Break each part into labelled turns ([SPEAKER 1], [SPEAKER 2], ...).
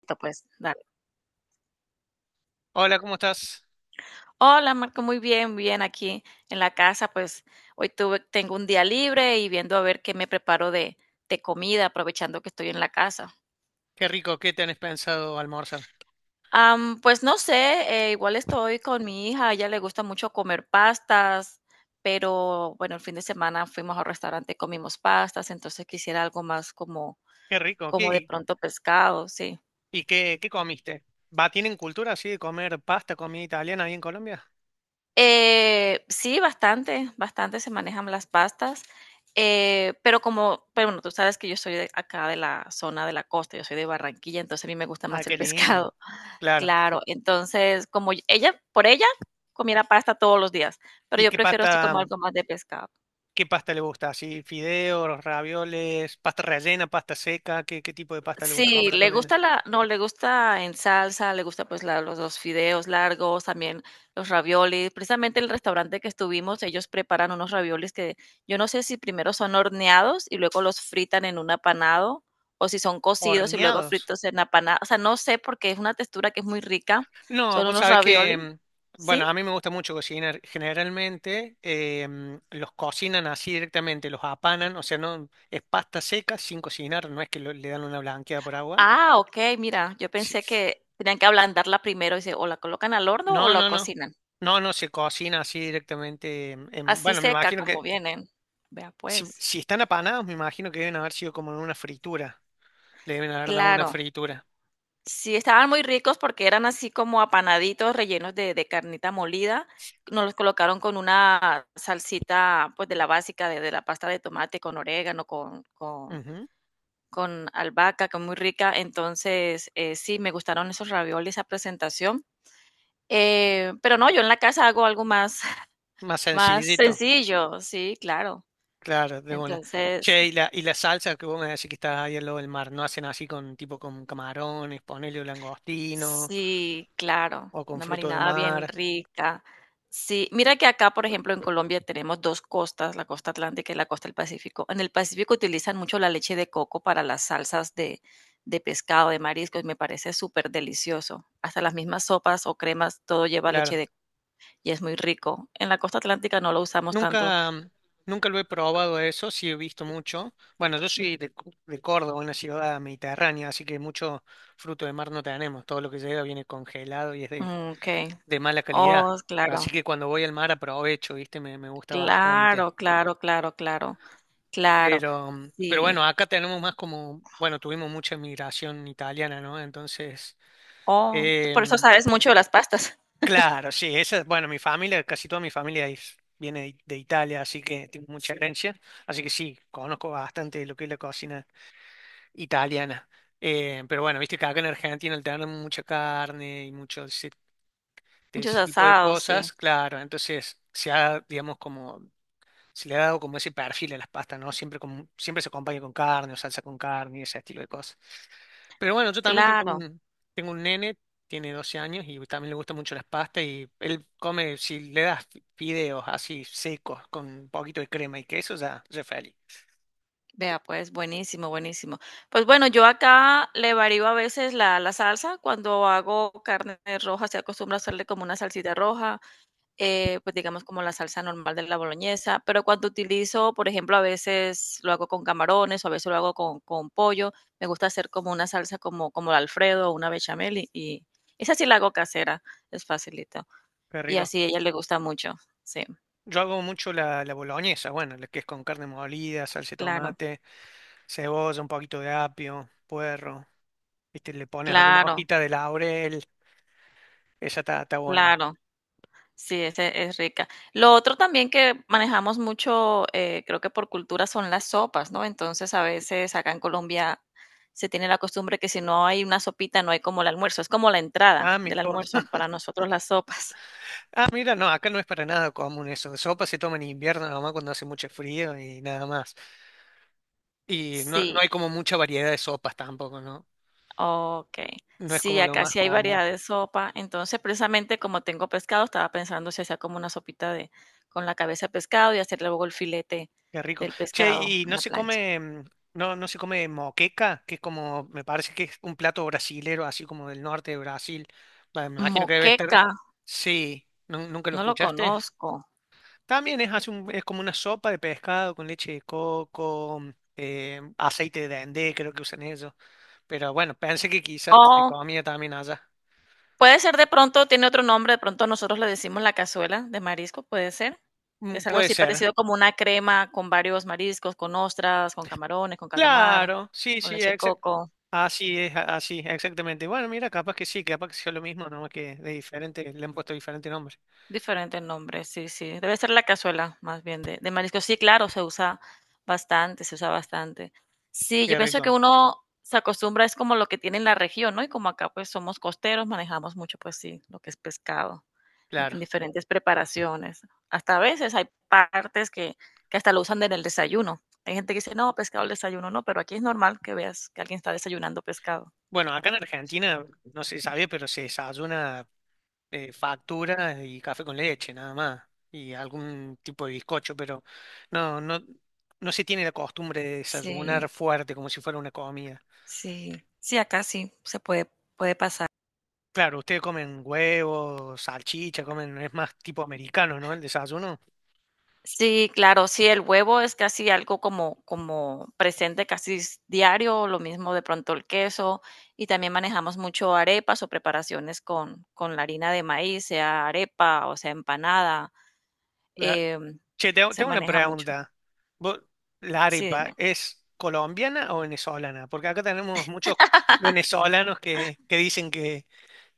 [SPEAKER 1] Listo, pues, dale.
[SPEAKER 2] Hola, ¿cómo estás?
[SPEAKER 1] Hola, Marco, muy bien, bien aquí en la casa, pues hoy tengo un día libre y viendo a ver qué me preparo de comida, aprovechando que estoy en la casa.
[SPEAKER 2] Qué rico, ¿qué tenés pensado almorzar?
[SPEAKER 1] Pues no sé, igual estoy con mi hija, a ella le gusta mucho comer pastas, pero bueno, el fin de semana fuimos al restaurante, comimos pastas, entonces quisiera algo más
[SPEAKER 2] Qué rico,
[SPEAKER 1] como de pronto pescado, sí.
[SPEAKER 2] y qué comiste? ¿Va, tienen cultura así de comer pasta, comida italiana ahí en Colombia?
[SPEAKER 1] Sí, bastante, bastante se manejan las pastas, pero bueno, tú sabes que yo soy de acá de la zona de la costa, yo soy de Barranquilla, entonces a mí me gusta
[SPEAKER 2] Ah,
[SPEAKER 1] más el
[SPEAKER 2] qué lindo.
[SPEAKER 1] pescado.
[SPEAKER 2] Claro.
[SPEAKER 1] Claro, entonces como por ella, comiera pasta todos los días, pero
[SPEAKER 2] ¿Y
[SPEAKER 1] yo prefiero así como algo más de pescado.
[SPEAKER 2] qué pasta le gusta? ¿Así fideos, ravioles, pasta rellena, pasta seca? ¿Qué tipo de pasta le gusta
[SPEAKER 1] Sí,
[SPEAKER 2] comer a tu
[SPEAKER 1] le
[SPEAKER 2] nena?
[SPEAKER 1] gusta la no, le gusta en salsa, le gusta, pues, la los fideos largos, también los raviolis. Precisamente el restaurante que estuvimos, ellos preparan unos raviolis que yo no sé si primero son horneados y luego los fritan en un apanado, o si son cocidos y luego
[SPEAKER 2] Horneados.
[SPEAKER 1] fritos en apanado, o sea, no sé, porque es una textura que es muy rica.
[SPEAKER 2] No,
[SPEAKER 1] Son
[SPEAKER 2] vos
[SPEAKER 1] unos
[SPEAKER 2] sabés que,
[SPEAKER 1] raviolis, ¿sí?
[SPEAKER 2] bueno, a mí me gusta mucho cocinar. Generalmente los cocinan así directamente, los apanan, o sea, no es pasta seca sin cocinar, no es que le dan una blanqueada por agua.
[SPEAKER 1] Ah, okey, mira, yo
[SPEAKER 2] Sí.
[SPEAKER 1] pensé que tenían que ablandarla primero, y se o la colocan al horno o
[SPEAKER 2] No,
[SPEAKER 1] la
[SPEAKER 2] no, no.
[SPEAKER 1] cocinan.
[SPEAKER 2] No, no, se cocina así directamente.
[SPEAKER 1] Así
[SPEAKER 2] Bueno, me
[SPEAKER 1] seca
[SPEAKER 2] imagino
[SPEAKER 1] como
[SPEAKER 2] que
[SPEAKER 1] vienen. Vea, pues.
[SPEAKER 2] si están apanados, me imagino que deben haber sido como en una fritura. Le deben haber dado una
[SPEAKER 1] Claro,
[SPEAKER 2] fritura.
[SPEAKER 1] sí, estaban muy ricos porque eran así como apanaditos rellenos de carnita molida. Nos los colocaron con una salsita, pues de la básica, de la pasta de tomate, con orégano,
[SPEAKER 2] Ujú.
[SPEAKER 1] con albahaca, que es muy rica. Entonces, sí, me gustaron esos raviolis, esa presentación. Pero no, yo en la casa hago algo más,
[SPEAKER 2] Más
[SPEAKER 1] más
[SPEAKER 2] sencillito.
[SPEAKER 1] sencillo, sí, claro.
[SPEAKER 2] Claro, de una.
[SPEAKER 1] Entonces,
[SPEAKER 2] Che, y la salsa que vos me decís que está ahí al lado del mar, ¿no hacen así con tipo con camarones, ponele o langostino
[SPEAKER 1] sí, claro,
[SPEAKER 2] o con
[SPEAKER 1] una
[SPEAKER 2] frutos de
[SPEAKER 1] marinada
[SPEAKER 2] mar?
[SPEAKER 1] bien rica. Sí, mira que acá, por ejemplo, en Colombia tenemos dos costas, la costa atlántica y la costa del Pacífico. En el Pacífico utilizan mucho la leche de coco para las salsas de pescado, de mariscos, y me parece súper delicioso. Hasta las mismas sopas o cremas, todo lleva leche
[SPEAKER 2] Claro.
[SPEAKER 1] de coco y es muy rico. En la costa atlántica no lo usamos tanto.
[SPEAKER 2] Nunca, nunca lo he probado eso, sí he visto mucho. Bueno, yo soy de Córdoba, una ciudad mediterránea, así que mucho fruto de mar no tenemos. Todo lo que llega viene congelado y es
[SPEAKER 1] Mm, ok,
[SPEAKER 2] de mala calidad.
[SPEAKER 1] oh,
[SPEAKER 2] Así
[SPEAKER 1] claro,
[SPEAKER 2] que cuando voy al mar aprovecho, ¿viste? Me gusta bastante.
[SPEAKER 1] claro, claro, claro, claro, claro,
[SPEAKER 2] Pero, pero
[SPEAKER 1] sí.
[SPEAKER 2] bueno, acá tenemos más como, bueno, tuvimos mucha inmigración italiana, ¿no? Entonces,
[SPEAKER 1] Oh, tú por eso
[SPEAKER 2] em,
[SPEAKER 1] sabes mucho de las pastas.
[SPEAKER 2] claro, sí, esa, bueno, mi familia, casi toda mi familia viene de Italia, así que tengo mucha herencia, así que sí, conozco bastante de lo que es la cocina italiana. Pero bueno, viste que acá en Argentina al tener mucha carne y mucho ese, de
[SPEAKER 1] Muchos
[SPEAKER 2] ese tipo de
[SPEAKER 1] asados,
[SPEAKER 2] cosas,
[SPEAKER 1] sí.
[SPEAKER 2] claro, entonces se ha, digamos, como se le ha dado como ese perfil a las pastas, ¿no? Siempre, con, siempre se acompaña con carne o salsa con carne y ese estilo de cosas. Pero bueno, yo también
[SPEAKER 1] Claro.
[SPEAKER 2] tengo un nene, tiene 12 años y también le gustan mucho las pastas y él come, si le das fideos así secos con un poquito de crema y queso, ya, ya es feliz.
[SPEAKER 1] Vea, pues, buenísimo, buenísimo. Pues bueno, yo acá le varío a veces la salsa. Cuando hago carne roja, se acostumbra a hacerle como una salsita roja, pues digamos como la salsa normal de la boloñesa. Pero cuando utilizo, por ejemplo, a veces lo hago con camarones o a veces lo hago con pollo. Me gusta hacer como una salsa como el Alfredo o una bechamel y esa sí la hago casera, es facilito.
[SPEAKER 2] Qué
[SPEAKER 1] Y
[SPEAKER 2] rico.
[SPEAKER 1] así a ella le gusta mucho, sí.
[SPEAKER 2] Yo hago mucho la boloñesa, bueno, la que es con carne molida, salsa de
[SPEAKER 1] Claro,
[SPEAKER 2] tomate, cebolla, un poquito de apio, puerro, viste, le pones alguna
[SPEAKER 1] claro,
[SPEAKER 2] hojita de laurel, esa está, está buena.
[SPEAKER 1] claro. Sí, ese es rica. Lo otro también que manejamos mucho, creo que por cultura, son las sopas, ¿no? Entonces, a veces acá en Colombia se tiene la costumbre que si no hay una sopita, no hay como el almuerzo. Es como la entrada
[SPEAKER 2] Ah, mi
[SPEAKER 1] del
[SPEAKER 2] to-
[SPEAKER 1] almuerzo para nosotros las sopas.
[SPEAKER 2] ah, mira, no, acá no es para nada común eso. Sopa se toma en invierno, nomás cuando hace mucho frío y nada más. Y no, no
[SPEAKER 1] Sí,
[SPEAKER 2] hay como mucha variedad de sopas tampoco, ¿no?
[SPEAKER 1] ok.
[SPEAKER 2] No es
[SPEAKER 1] Sí,
[SPEAKER 2] como lo
[SPEAKER 1] acá
[SPEAKER 2] más
[SPEAKER 1] sí hay
[SPEAKER 2] común.
[SPEAKER 1] variedad de sopa. Entonces, precisamente como tengo pescado, estaba pensando si hacía como una sopita de con la cabeza de pescado y hacer luego el filete
[SPEAKER 2] Qué rico.
[SPEAKER 1] del
[SPEAKER 2] Che,
[SPEAKER 1] pescado
[SPEAKER 2] y
[SPEAKER 1] en
[SPEAKER 2] no
[SPEAKER 1] la
[SPEAKER 2] se
[SPEAKER 1] plancha.
[SPEAKER 2] come, no, no se come moqueca, que es como, me parece que es un plato brasilero, así como del norte de Brasil. Va, me imagino que debe estar.
[SPEAKER 1] Moqueca,
[SPEAKER 2] Sí, ¿nunca lo
[SPEAKER 1] no lo
[SPEAKER 2] escuchaste?
[SPEAKER 1] conozco.
[SPEAKER 2] También es, es como una sopa de pescado con leche de coco, aceite de dendé, creo que usan ellos. Pero bueno, pensé que quizás se
[SPEAKER 1] Oh,
[SPEAKER 2] comía también allá.
[SPEAKER 1] puede ser de pronto, tiene otro nombre, de pronto nosotros le decimos la cazuela de marisco, puede ser.
[SPEAKER 2] Mm.
[SPEAKER 1] Es algo
[SPEAKER 2] Puede
[SPEAKER 1] así
[SPEAKER 2] ser.
[SPEAKER 1] parecido como una crema con varios mariscos, con ostras, con camarones, con calamar,
[SPEAKER 2] Claro, sí,
[SPEAKER 1] con
[SPEAKER 2] sí,
[SPEAKER 1] leche coco.
[SPEAKER 2] así es, así, exactamente. Bueno, mira, capaz que sí, capaz que sea lo mismo, nomás que de diferente, le han puesto diferente nombre.
[SPEAKER 1] Diferentes nombres, sí, sí. Debe ser la cazuela, más bien, de marisco. Sí, claro, se usa bastante, se usa bastante. Sí, yo
[SPEAKER 2] Qué
[SPEAKER 1] pienso
[SPEAKER 2] rico,
[SPEAKER 1] que uno se acostumbra, es como lo que tiene en la región, ¿no? Y como acá pues somos costeros, manejamos mucho, pues sí, lo que es pescado, en
[SPEAKER 2] claro.
[SPEAKER 1] diferentes preparaciones. Hasta a veces hay partes que hasta lo usan en el desayuno. Hay gente que dice, no, pescado al desayuno, no, pero aquí es normal que veas que alguien está desayunando pescado.
[SPEAKER 2] Bueno, acá en Argentina, no se sabe, pero se desayuna factura y café con leche, nada más, y algún tipo de bizcocho, pero no, no, no se tiene la costumbre de desayunar
[SPEAKER 1] Sí,
[SPEAKER 2] fuerte como si fuera una comida.
[SPEAKER 1] sí, sí, acá sí se puede, puede pasar.
[SPEAKER 2] Claro, ustedes comen huevos, salchicha, comen, es más tipo americano, ¿no? El desayuno.
[SPEAKER 1] Sí, claro, sí, el huevo es casi algo como presente casi s diario, lo mismo de pronto el queso, y también manejamos mucho arepas o preparaciones con la harina de maíz, sea arepa o sea empanada, em,
[SPEAKER 2] Che, tengo,
[SPEAKER 1] se
[SPEAKER 2] tengo una
[SPEAKER 1] maneja mucho.
[SPEAKER 2] pregunta. ¿Vos- ¿La
[SPEAKER 1] Sí,
[SPEAKER 2] arepa
[SPEAKER 1] dime.
[SPEAKER 2] es colombiana o venezolana? Porque acá tenemos muchos venezolanos que dicen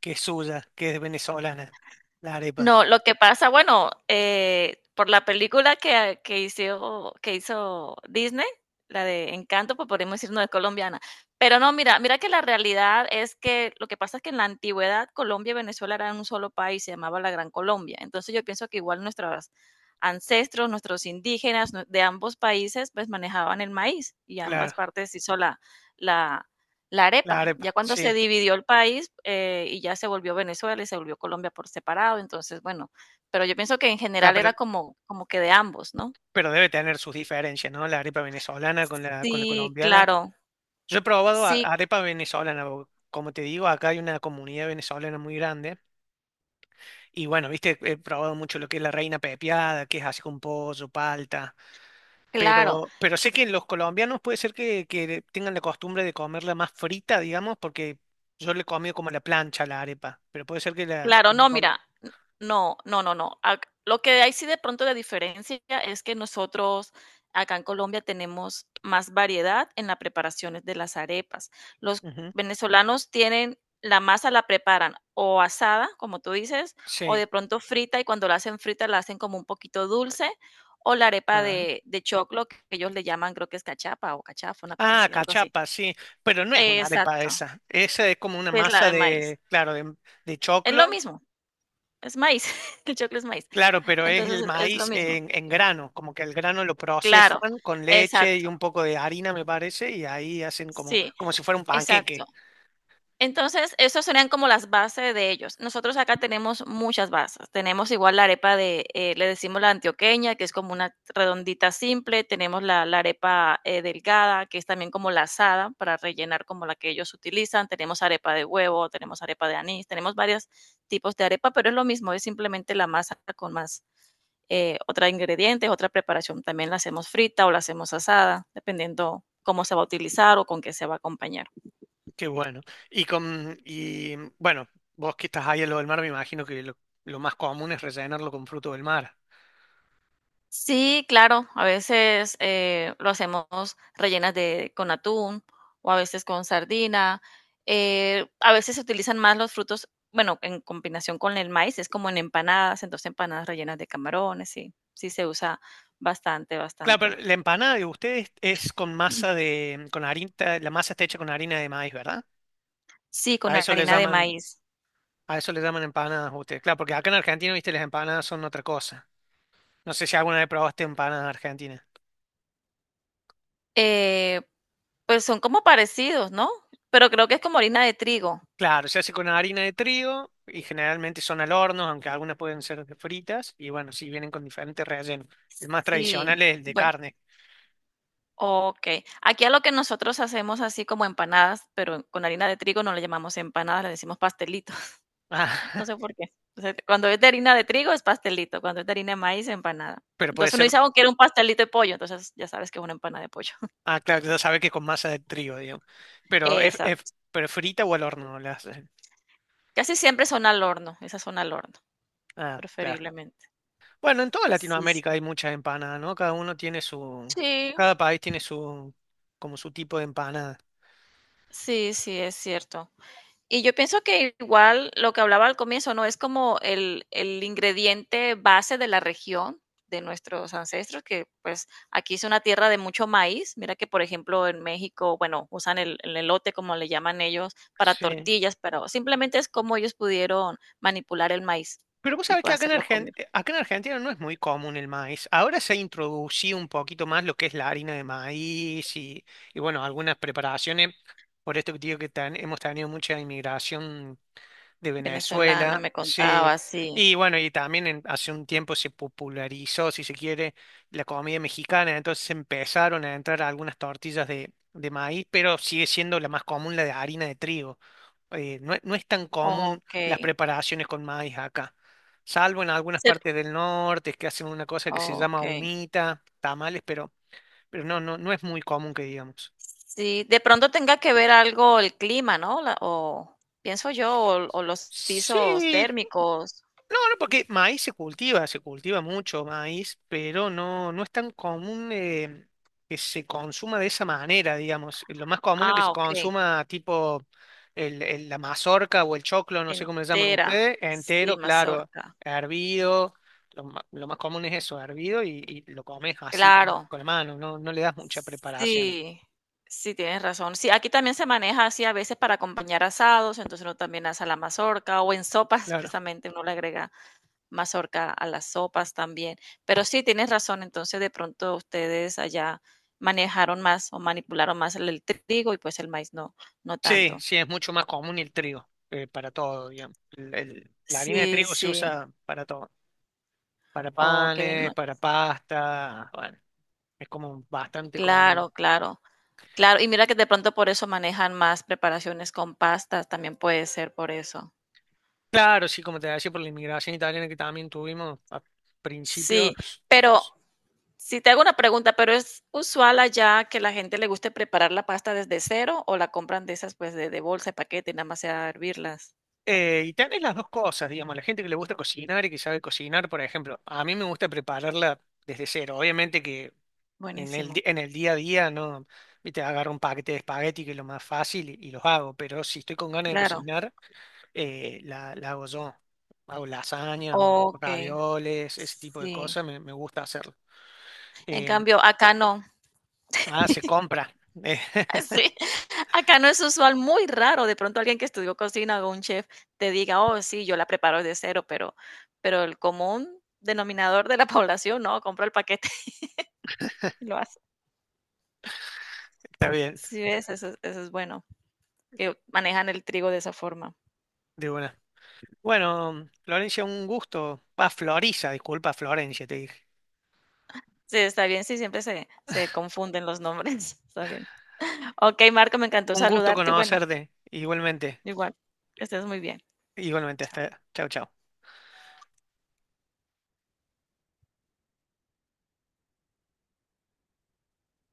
[SPEAKER 2] que es suya, que es venezolana. La arepa,
[SPEAKER 1] No, lo que pasa, bueno, por la película que hizo Disney, la de Encanto, pues podemos decir no es colombiana. Pero no, mira, mira que la realidad es que lo que pasa es que en la antigüedad Colombia y Venezuela eran un solo país, se llamaba la Gran Colombia. Entonces yo pienso que igual nuestros ancestros, nuestros indígenas de ambos países, pues manejaban el maíz y ambas
[SPEAKER 2] claro,
[SPEAKER 1] partes hizo la, la
[SPEAKER 2] la
[SPEAKER 1] arepa,
[SPEAKER 2] arepa,
[SPEAKER 1] ya cuando se
[SPEAKER 2] sí.
[SPEAKER 1] dividió el país, y ya se volvió Venezuela y se volvió Colombia por separado, entonces, bueno, pero yo pienso que en
[SPEAKER 2] Ah,
[SPEAKER 1] general era como que de ambos, ¿no?
[SPEAKER 2] pero debe tener sus diferencias, ¿no? La arepa venezolana con la
[SPEAKER 1] Sí,
[SPEAKER 2] colombiana.
[SPEAKER 1] claro.
[SPEAKER 2] Yo he probado
[SPEAKER 1] Sí,
[SPEAKER 2] arepa venezolana, o como te digo, acá hay una comunidad venezolana muy grande. Y bueno, viste, he probado mucho lo que es la reina pepiada, que es así con pollo, palta.
[SPEAKER 1] claro.
[SPEAKER 2] Pero sé que los colombianos puede ser que tengan la costumbre de comerla más frita, digamos, porque yo le he comido como a la plancha, a la arepa. Pero puede ser que la…
[SPEAKER 1] Claro, no, mira, n no, no, no, no. Ac Lo que hay sí de pronto de diferencia es que nosotros acá en Colombia tenemos más variedad en las preparaciones de las arepas. Los
[SPEAKER 2] Ujú.
[SPEAKER 1] venezolanos tienen la masa la preparan o asada, como tú dices, o
[SPEAKER 2] Sí.
[SPEAKER 1] de pronto frita, y cuando la hacen frita la hacen como un poquito dulce, o la arepa
[SPEAKER 2] Ajá.
[SPEAKER 1] de choclo, que ellos le llaman, creo que es cachapa o cachafa, una cosa
[SPEAKER 2] Ah,
[SPEAKER 1] así, algo así.
[SPEAKER 2] cachapa, sí. Pero no es una arepa
[SPEAKER 1] Exacto,
[SPEAKER 2] esa. Esa es como una
[SPEAKER 1] que es la
[SPEAKER 2] masa
[SPEAKER 1] de maíz.
[SPEAKER 2] de, claro, de
[SPEAKER 1] Es lo
[SPEAKER 2] choclo.
[SPEAKER 1] mismo. Es maíz, el choclo es maíz.
[SPEAKER 2] Claro, pero es
[SPEAKER 1] Entonces,
[SPEAKER 2] el
[SPEAKER 1] es lo
[SPEAKER 2] maíz
[SPEAKER 1] mismo.
[SPEAKER 2] en grano, como que el grano lo
[SPEAKER 1] Claro,
[SPEAKER 2] procesan con leche y
[SPEAKER 1] exacto,
[SPEAKER 2] un poco de harina, me parece, y ahí hacen como,
[SPEAKER 1] sí,
[SPEAKER 2] como si fuera un
[SPEAKER 1] exacto.
[SPEAKER 2] panqueque.
[SPEAKER 1] Entonces, esos serían como las bases de ellos. Nosotros acá tenemos muchas bases. Tenemos igual la arepa le decimos la antioqueña, que es como una redondita simple. Tenemos la arepa delgada, que es también como la asada, para rellenar como la que ellos utilizan. Tenemos arepa de huevo, tenemos arepa de anís, tenemos varios tipos de arepa, pero es lo mismo, es simplemente la masa con más otros ingredientes, otra preparación. También la hacemos frita o la hacemos asada, dependiendo cómo se va a utilizar o con qué se va a acompañar.
[SPEAKER 2] Qué bueno. Y con, y bueno, vos que estás ahí en lo del mar, me imagino que lo más común es rellenarlo con fruto del mar.
[SPEAKER 1] Sí, claro, a veces lo hacemos rellenas con atún o a veces con sardina. A veces se utilizan más los frutos, bueno, en combinación con el maíz, es como en empanadas, entonces empanadas rellenas de camarones, sí, sí se usa bastante,
[SPEAKER 2] Claro, pero
[SPEAKER 1] bastante.
[SPEAKER 2] la empanada de ustedes es con masa de, con harina, la masa está hecha con harina de maíz, ¿verdad?
[SPEAKER 1] Sí, con
[SPEAKER 2] A eso le
[SPEAKER 1] harina de
[SPEAKER 2] llaman,
[SPEAKER 1] maíz.
[SPEAKER 2] a eso le llaman empanadas ustedes. Claro, porque acá en Argentina, viste, las empanadas son otra cosa. No sé si alguna vez probaste empanadas argentinas.
[SPEAKER 1] Eh, pues son como parecidos, ¿no? Pero creo que es como harina de trigo.
[SPEAKER 2] Claro, se hace con harina de trigo y generalmente son al horno, aunque algunas pueden ser de fritas y bueno, sí vienen con diferentes rellenos. El más tradicional
[SPEAKER 1] Sí,
[SPEAKER 2] es el de
[SPEAKER 1] bueno,
[SPEAKER 2] carne.
[SPEAKER 1] okey. Aquí a lo que nosotros hacemos así como empanadas, pero con harina de trigo no le llamamos empanadas, le decimos pastelito.
[SPEAKER 2] Ah,
[SPEAKER 1] No sé por qué. O sea, cuando es de harina de trigo es pastelito, cuando es de harina de maíz, empanada.
[SPEAKER 2] pero puede
[SPEAKER 1] Entonces uno
[SPEAKER 2] ser,
[SPEAKER 1] dice: "Oh, quiero un pastelito de pollo", entonces ya sabes que es una empanada de pollo.
[SPEAKER 2] ah, claro, ya sabe que con masa de trigo, digamos. Pero
[SPEAKER 1] Exacto.
[SPEAKER 2] pero frita o al horno la hacen.
[SPEAKER 1] Casi siempre son al horno, esas son al horno,
[SPEAKER 2] Ah, claro.
[SPEAKER 1] preferiblemente.
[SPEAKER 2] Bueno, en toda
[SPEAKER 1] Sí, sí.
[SPEAKER 2] Latinoamérica hay muchas empanadas, ¿no?
[SPEAKER 1] Sí,
[SPEAKER 2] Cada país tiene su, como su tipo de empanada.
[SPEAKER 1] sí, sí, es cierto. Y yo pienso que igual lo que hablaba al comienzo, ¿no? Es como el ingrediente base de la región de nuestros ancestros, que pues aquí es una tierra de mucho maíz. Mira que, por ejemplo, en México, bueno, usan el elote, como le llaman ellos, para
[SPEAKER 2] Sí.
[SPEAKER 1] tortillas, pero simplemente es como ellos pudieron manipular el maíz
[SPEAKER 2] Pero vos
[SPEAKER 1] y
[SPEAKER 2] sabés que
[SPEAKER 1] pues, hacerlo comer.
[SPEAKER 2] Acá en Argentina no es muy común el maíz. Ahora se ha introducido un poquito más lo que es la harina de maíz y bueno, algunas preparaciones. Por esto que te digo que hemos tenido mucha inmigración de
[SPEAKER 1] Venezolana,
[SPEAKER 2] Venezuela,
[SPEAKER 1] me
[SPEAKER 2] sí.
[SPEAKER 1] contaba, sí.
[SPEAKER 2] Y bueno, hace un tiempo se popularizó, si se quiere, la comida mexicana, entonces empezaron a entrar algunas tortillas de maíz, pero sigue siendo la más común la de harina de trigo. No es tan común
[SPEAKER 1] Ok.
[SPEAKER 2] las preparaciones con maíz acá, salvo en algunas
[SPEAKER 1] Ser-
[SPEAKER 2] partes del norte que hacen una cosa que se
[SPEAKER 1] Ok.
[SPEAKER 2] llama humita, tamales, pero no, no, no es muy común que digamos.
[SPEAKER 1] Sí, de pronto tenga que ver algo el clima, ¿no? O pienso yo, o los pisos
[SPEAKER 2] Sí,
[SPEAKER 1] térmicos.
[SPEAKER 2] no, no, porque maíz se cultiva mucho maíz, pero no, no es tan común que se consuma de esa manera, digamos. Lo más común es que se
[SPEAKER 1] Ah, ok,
[SPEAKER 2] consuma tipo la mazorca o el choclo, no sé cómo le llaman
[SPEAKER 1] entera.
[SPEAKER 2] ustedes,
[SPEAKER 1] Sí,
[SPEAKER 2] entero, claro,
[SPEAKER 1] mazorca.
[SPEAKER 2] hervido. Lo más común es eso, hervido y lo comes así
[SPEAKER 1] Claro.
[SPEAKER 2] con la mano, no, no le das mucha preparación.
[SPEAKER 1] Sí, sí, tienes razón. Sí, aquí también se maneja así a veces para acompañar asados, entonces uno también asa la mazorca o en sopas,
[SPEAKER 2] Claro.
[SPEAKER 1] precisamente uno le agrega mazorca a las sopas también. Pero sí, tienes razón, entonces de pronto ustedes allá manejaron más o manipularon más el trigo y pues el maíz no, no
[SPEAKER 2] Sí,
[SPEAKER 1] tanto.
[SPEAKER 2] sí, es mucho más común el trigo para todo, digamos. La harina de
[SPEAKER 1] Sí,
[SPEAKER 2] trigo se
[SPEAKER 1] sí.
[SPEAKER 2] usa para todo, para
[SPEAKER 1] Oh, qué bien.
[SPEAKER 2] panes, para pasta, bueno, es como bastante común.
[SPEAKER 1] Claro, claro. Claro, y mira que de pronto por eso manejan más preparaciones con pastas, también puede ser por eso.
[SPEAKER 2] Claro, sí, como te decía, por la inmigración italiana que también tuvimos a
[SPEAKER 1] Sí,
[SPEAKER 2] principios.
[SPEAKER 1] pero si te hago una pregunta, ¿pero es usual allá que la gente le guste preparar la pasta desde cero o la compran de esas pues de bolsa, de paquete, y nada más sea hervirlas?
[SPEAKER 2] Y tenés las dos cosas, digamos, la gente que le gusta cocinar y que sabe cocinar, por ejemplo, a mí me gusta prepararla desde cero. Obviamente que en
[SPEAKER 1] Buenísimo.
[SPEAKER 2] en el día a día, no, viste, agarro un paquete de espagueti que es lo más fácil y los hago, pero si estoy con ganas de
[SPEAKER 1] Claro,
[SPEAKER 2] cocinar, la hago yo, hago lasañas o
[SPEAKER 1] okey,
[SPEAKER 2] ravioles, ese tipo de
[SPEAKER 1] sí.
[SPEAKER 2] cosas, me gusta hacerlo.
[SPEAKER 1] En
[SPEAKER 2] Eh,
[SPEAKER 1] cambio, acá no.
[SPEAKER 2] ah, se compra. Eh,
[SPEAKER 1] Sí, acá no es usual, muy raro, de pronto alguien que estudió cocina o un chef te diga: "Oh, sí, yo la preparo de cero", pero el común denominador de la población, no, compra el paquete y lo hace.
[SPEAKER 2] Está bien,
[SPEAKER 1] Sí, ves, eso es bueno, que manejan el trigo de esa forma.
[SPEAKER 2] de buena. Bueno, Florencia, un gusto. Ah, Florisa, disculpa, Florencia, te dije.
[SPEAKER 1] Sí, está bien, sí, siempre se confunden los nombres, está bien. Okey, Marco, me encantó
[SPEAKER 2] Un gusto
[SPEAKER 1] saludarte y bueno,
[SPEAKER 2] conocerte, igualmente,
[SPEAKER 1] igual, que estés muy bien.
[SPEAKER 2] igualmente,
[SPEAKER 1] Chao.
[SPEAKER 2] hasta. Chau, chau.